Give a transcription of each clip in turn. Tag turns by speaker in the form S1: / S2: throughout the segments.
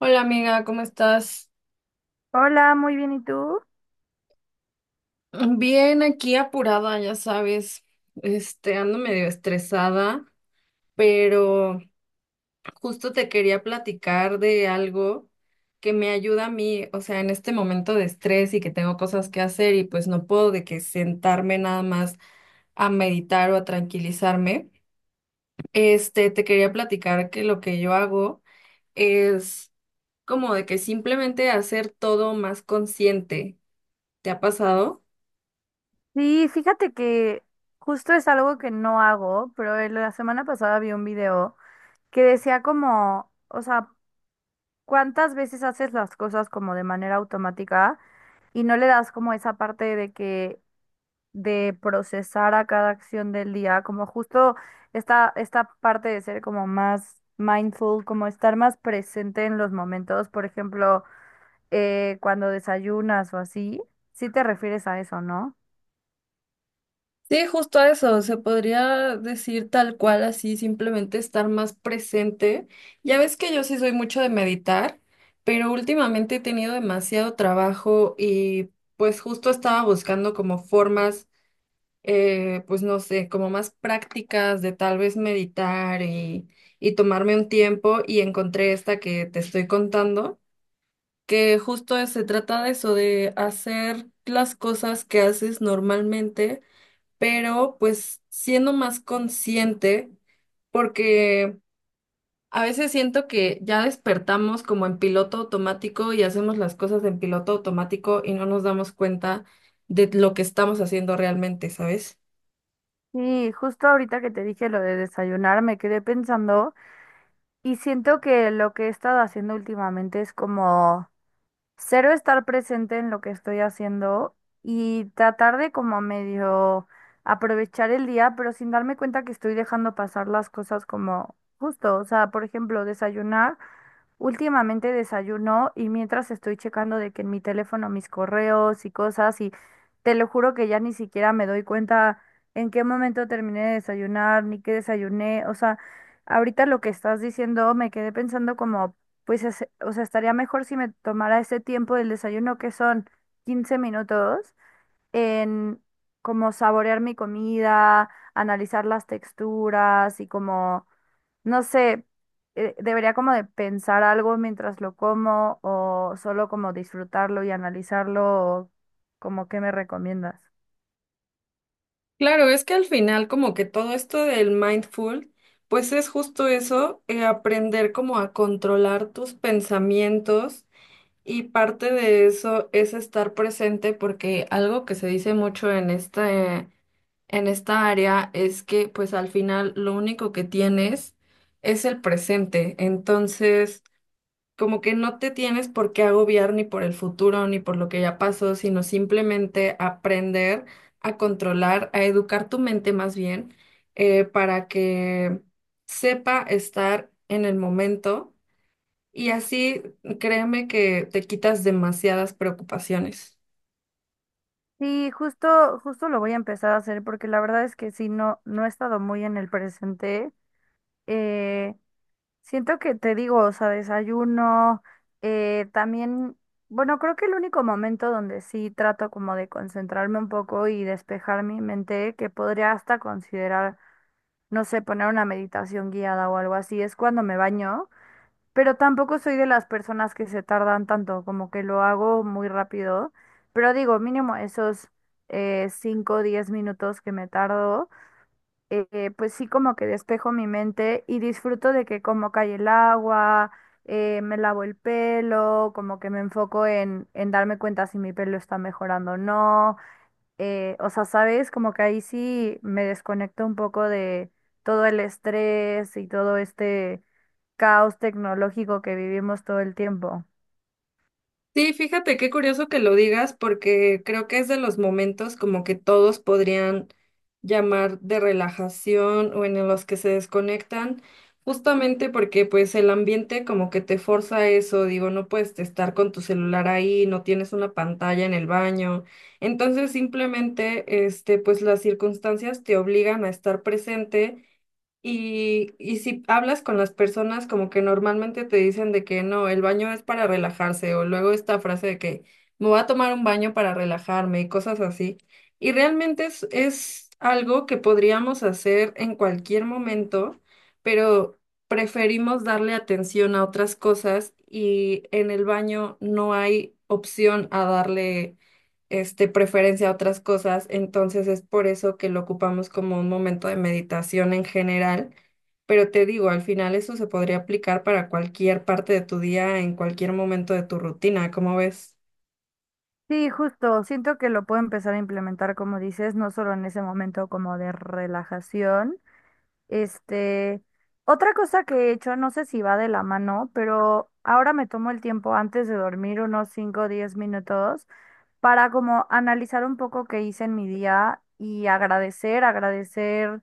S1: Hola amiga, ¿cómo estás?
S2: Hola, muy bien, ¿y tú?
S1: Bien, aquí apurada, ya sabes, ando medio estresada, pero justo te quería platicar de algo que me ayuda a mí, o sea, en este momento de estrés y que tengo cosas que hacer y pues no puedo de que sentarme nada más a meditar o a tranquilizarme. Te quería platicar que lo que yo hago es como de que simplemente hacer todo más consciente. ¿Te ha pasado?
S2: Sí, fíjate que justo es algo que no hago, pero en la semana pasada vi un video que decía como, o sea, cuántas veces haces las cosas como de manera automática y no le das como esa parte de procesar a cada acción del día, como justo esta parte de ser como más mindful, como estar más presente en los momentos, por ejemplo, cuando desayunas o así, sí te refieres a eso, ¿no?
S1: Sí, justo a eso, se podría decir tal cual así, simplemente estar más presente. Ya ves que yo sí soy mucho de meditar, pero últimamente he tenido demasiado trabajo y pues justo estaba buscando como formas, pues no sé, como más prácticas de tal vez meditar y tomarme un tiempo y encontré esta que te estoy contando, que justo se trata de eso, de hacer las cosas que haces normalmente pero pues siendo más consciente, porque a veces siento que ya despertamos como en piloto automático y hacemos las cosas en piloto automático y no nos damos cuenta de lo que estamos haciendo realmente, ¿sabes?
S2: Sí, justo ahorita que te dije lo de desayunar, me quedé pensando y siento que lo que he estado haciendo últimamente es como cero estar presente en lo que estoy haciendo y tratar de como medio aprovechar el día, pero sin darme cuenta que estoy dejando pasar las cosas como justo, o sea, por ejemplo, desayunar. Últimamente desayuno y mientras estoy checando de que en mi teléfono mis correos y cosas y te lo juro que ya ni siquiera me doy cuenta en qué momento terminé de desayunar ni qué desayuné. O sea, ahorita lo que estás diciendo me quedé pensando como, pues, o sea, estaría mejor si me tomara ese tiempo del desayuno que son 15 minutos en como saborear mi comida, analizar las texturas y como, no sé, debería como de pensar algo mientras lo como o solo como disfrutarlo y analizarlo, o como qué me recomiendas.
S1: Claro, es que al final como que todo esto del mindful, pues es justo eso, aprender como a controlar tus pensamientos y parte de eso es estar presente porque algo que se dice mucho en esta área es que pues al final lo único que tienes es el presente. Entonces, como que no te tienes por qué agobiar ni por el futuro ni por lo que ya pasó, sino simplemente aprender a controlar, a educar tu mente más bien, para que sepa estar en el momento y así créeme que te quitas demasiadas preocupaciones.
S2: Sí, justo, lo voy a empezar a hacer porque la verdad es que sí, no, no he estado muy en el presente. Eh, Siento que te digo, o sea, desayuno, también, bueno, creo que el único momento donde sí trato como de concentrarme un poco y despejar mi mente, que podría hasta considerar, no sé, poner una meditación guiada o algo así, es cuando me baño, pero tampoco soy de las personas que se tardan tanto, como que lo hago muy rápido, pero digo, mínimo esos 5 o 10 minutos que me tardo, pues sí como que despejo mi mente y disfruto de que como cae el agua, me lavo el pelo, como que me enfoco en darme cuenta si mi pelo está mejorando o no. O sea, ¿sabes? Como que ahí sí me desconecto un poco de todo el estrés y todo este caos tecnológico que vivimos todo el tiempo.
S1: Sí, fíjate qué curioso que lo digas porque creo que es de los momentos como que todos podrían llamar de relajación o en los que se desconectan, justamente porque pues el ambiente como que te forza a eso, digo, no puedes estar con tu celular ahí, no tienes una pantalla en el baño, entonces simplemente pues las circunstancias te obligan a estar presente y si hablas con las personas, como que normalmente te dicen de que no, el baño es para relajarse, o luego esta frase de que me voy a tomar un baño para relajarme y cosas así. Y realmente es algo que podríamos hacer en cualquier momento, pero preferimos darle atención a otras cosas y en el baño no hay opción a darle preferencia a otras cosas, entonces es por eso que lo ocupamos como un momento de meditación en general, pero te digo, al final eso se podría aplicar para cualquier parte de tu día, en cualquier momento de tu rutina, ¿cómo ves?
S2: Sí, justo, siento que lo puedo empezar a implementar, como dices, no solo en ese momento como de relajación. Este, otra cosa que he hecho, no sé si va de la mano, pero ahora me tomo el tiempo antes de dormir, unos 5 o 10 minutos, para como analizar un poco qué hice en mi día y agradecer, agradecer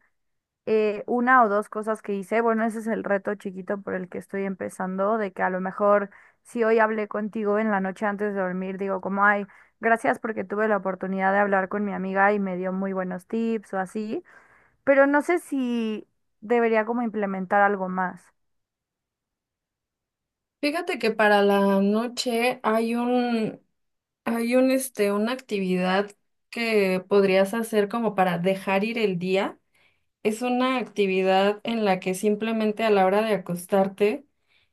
S2: una o dos cosas que hice. Bueno, ese es el reto chiquito por el que estoy empezando, de que a lo mejor si hoy hablé contigo en la noche antes de dormir, digo como, ay, gracias porque tuve la oportunidad de hablar con mi amiga y me dio muy buenos tips o así, pero no sé si debería como implementar algo más.
S1: Fíjate que para la noche una actividad que podrías hacer como para dejar ir el día. Es una actividad en la que simplemente a la hora de acostarte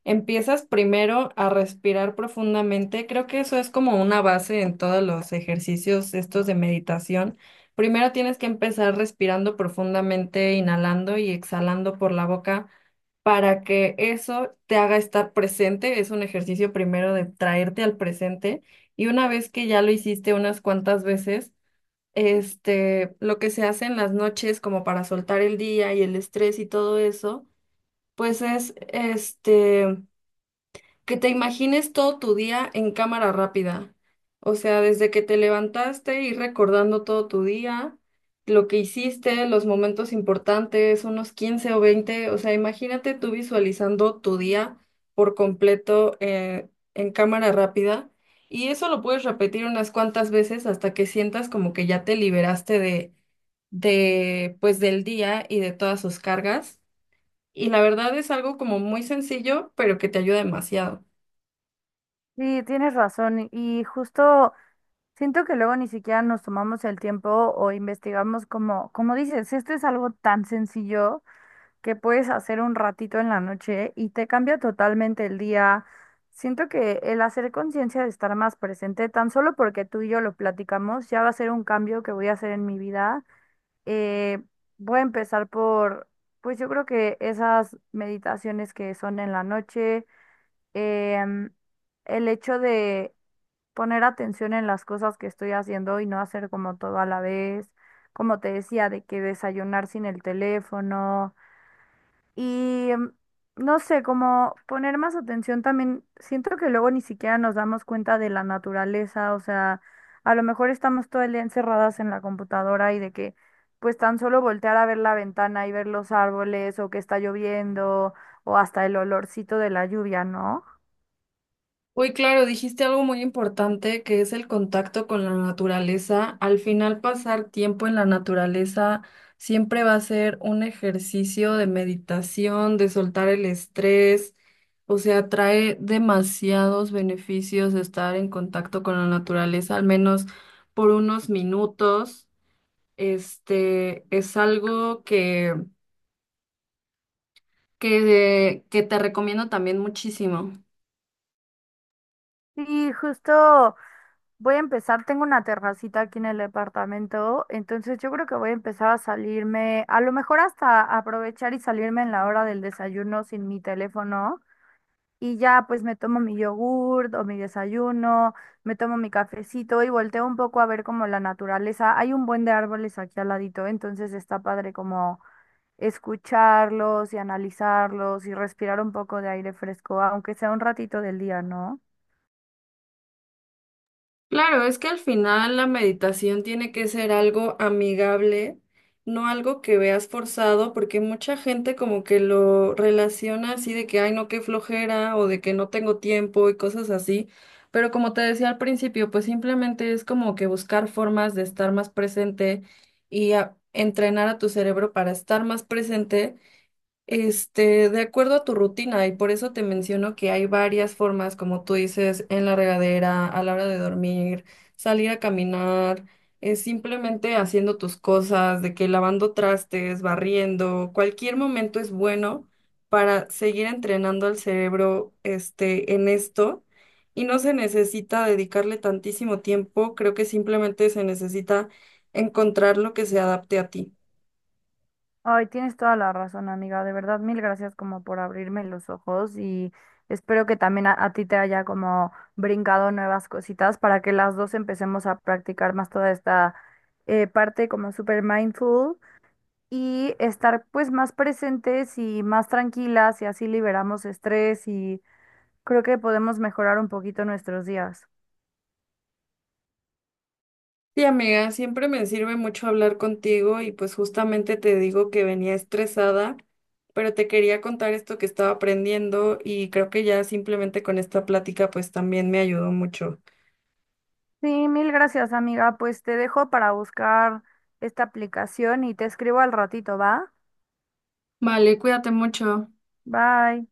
S1: empiezas primero a respirar profundamente. Creo que eso es como una base en todos los ejercicios estos de meditación. Primero tienes que empezar respirando profundamente, inhalando y exhalando por la boca para que eso te haga estar presente. Es un ejercicio primero de traerte al presente y una vez que ya lo hiciste unas cuantas veces, lo que se hace en las noches como para soltar el día y el estrés y todo eso, pues es, que te imagines todo tu día en cámara rápida. O sea, desde que te levantaste, ir recordando todo tu día, lo que hiciste, los momentos importantes, unos 15 o 20. O sea, imagínate tú visualizando tu día por completo en cámara rápida. Y eso lo puedes repetir unas cuantas veces hasta que sientas como que ya te liberaste de pues del día y de todas sus cargas. Y la verdad es algo como muy sencillo, pero que te ayuda demasiado.
S2: Sí, tienes razón y justo siento que luego ni siquiera nos tomamos el tiempo o investigamos como, como dices, esto es algo tan sencillo que puedes hacer un ratito en la noche y te cambia totalmente el día. Siento que el hacer conciencia de estar más presente, tan solo porque tú y yo lo platicamos, ya va a ser un cambio que voy a hacer en mi vida. Eh, Voy a empezar por, pues yo creo que esas meditaciones que son en la noche, em, el hecho de poner atención en las cosas que estoy haciendo y no hacer como todo a la vez, como te decía, de que desayunar sin el teléfono y, no sé, como poner más atención también, siento que luego ni siquiera nos damos cuenta de la naturaleza, o sea, a lo mejor estamos todo el día encerradas en la computadora y de que pues tan solo voltear a ver la ventana y ver los árboles o que está lloviendo o hasta el olorcito de la lluvia, ¿no?
S1: Uy, claro, dijiste algo muy importante que es el contacto con la naturaleza. Al final, pasar tiempo en la naturaleza siempre va a ser un ejercicio de meditación, de soltar el estrés. O sea, trae demasiados beneficios estar en contacto con la naturaleza, al menos por unos minutos. Este es algo que te recomiendo también muchísimo.
S2: Sí, justo, voy a empezar, tengo una terracita aquí en el departamento, entonces yo creo que voy a empezar a salirme, a lo mejor hasta aprovechar y salirme en la hora del desayuno sin mi teléfono y ya pues me tomo mi yogurt o mi desayuno, me tomo mi cafecito y volteo un poco a ver como la naturaleza. Hay un buen de árboles aquí al ladito, entonces está padre como escucharlos y analizarlos y respirar un poco de aire fresco, aunque sea un ratito del día, ¿no?
S1: Claro, es que al final la meditación tiene que ser algo amigable, no algo que veas forzado, porque mucha gente como que lo relaciona así de que, ay, no, qué flojera o de que no tengo tiempo y cosas así. Pero como te decía al principio, pues simplemente es como que buscar formas de estar más presente y entrenar a tu cerebro para estar más presente. De acuerdo a tu rutina, y por eso te menciono que hay varias formas, como tú dices, en la regadera, a la hora de dormir, salir a caminar, simplemente haciendo tus cosas, de que lavando trastes, barriendo, cualquier momento es bueno para seguir entrenando al cerebro, en esto, y no se necesita dedicarle tantísimo tiempo, creo que simplemente se necesita encontrar lo que se adapte a ti.
S2: Ay, tienes toda la razón, amiga. De verdad, mil gracias como por abrirme los ojos y espero que también a ti te haya como brincado nuevas cositas para que las dos empecemos a practicar más toda esta parte como super mindful y estar pues más presentes y más tranquilas y así liberamos estrés y creo que podemos mejorar un poquito nuestros días.
S1: Sí, amiga, siempre me sirve mucho hablar contigo y pues justamente te digo que venía estresada, pero te quería contar esto que estaba aprendiendo y creo que ya simplemente con esta plática pues también me ayudó mucho.
S2: Sí, mil gracias, amiga. Pues te dejo para buscar esta aplicación y te escribo al ratito, ¿va?
S1: Vale, cuídate mucho.
S2: Bye.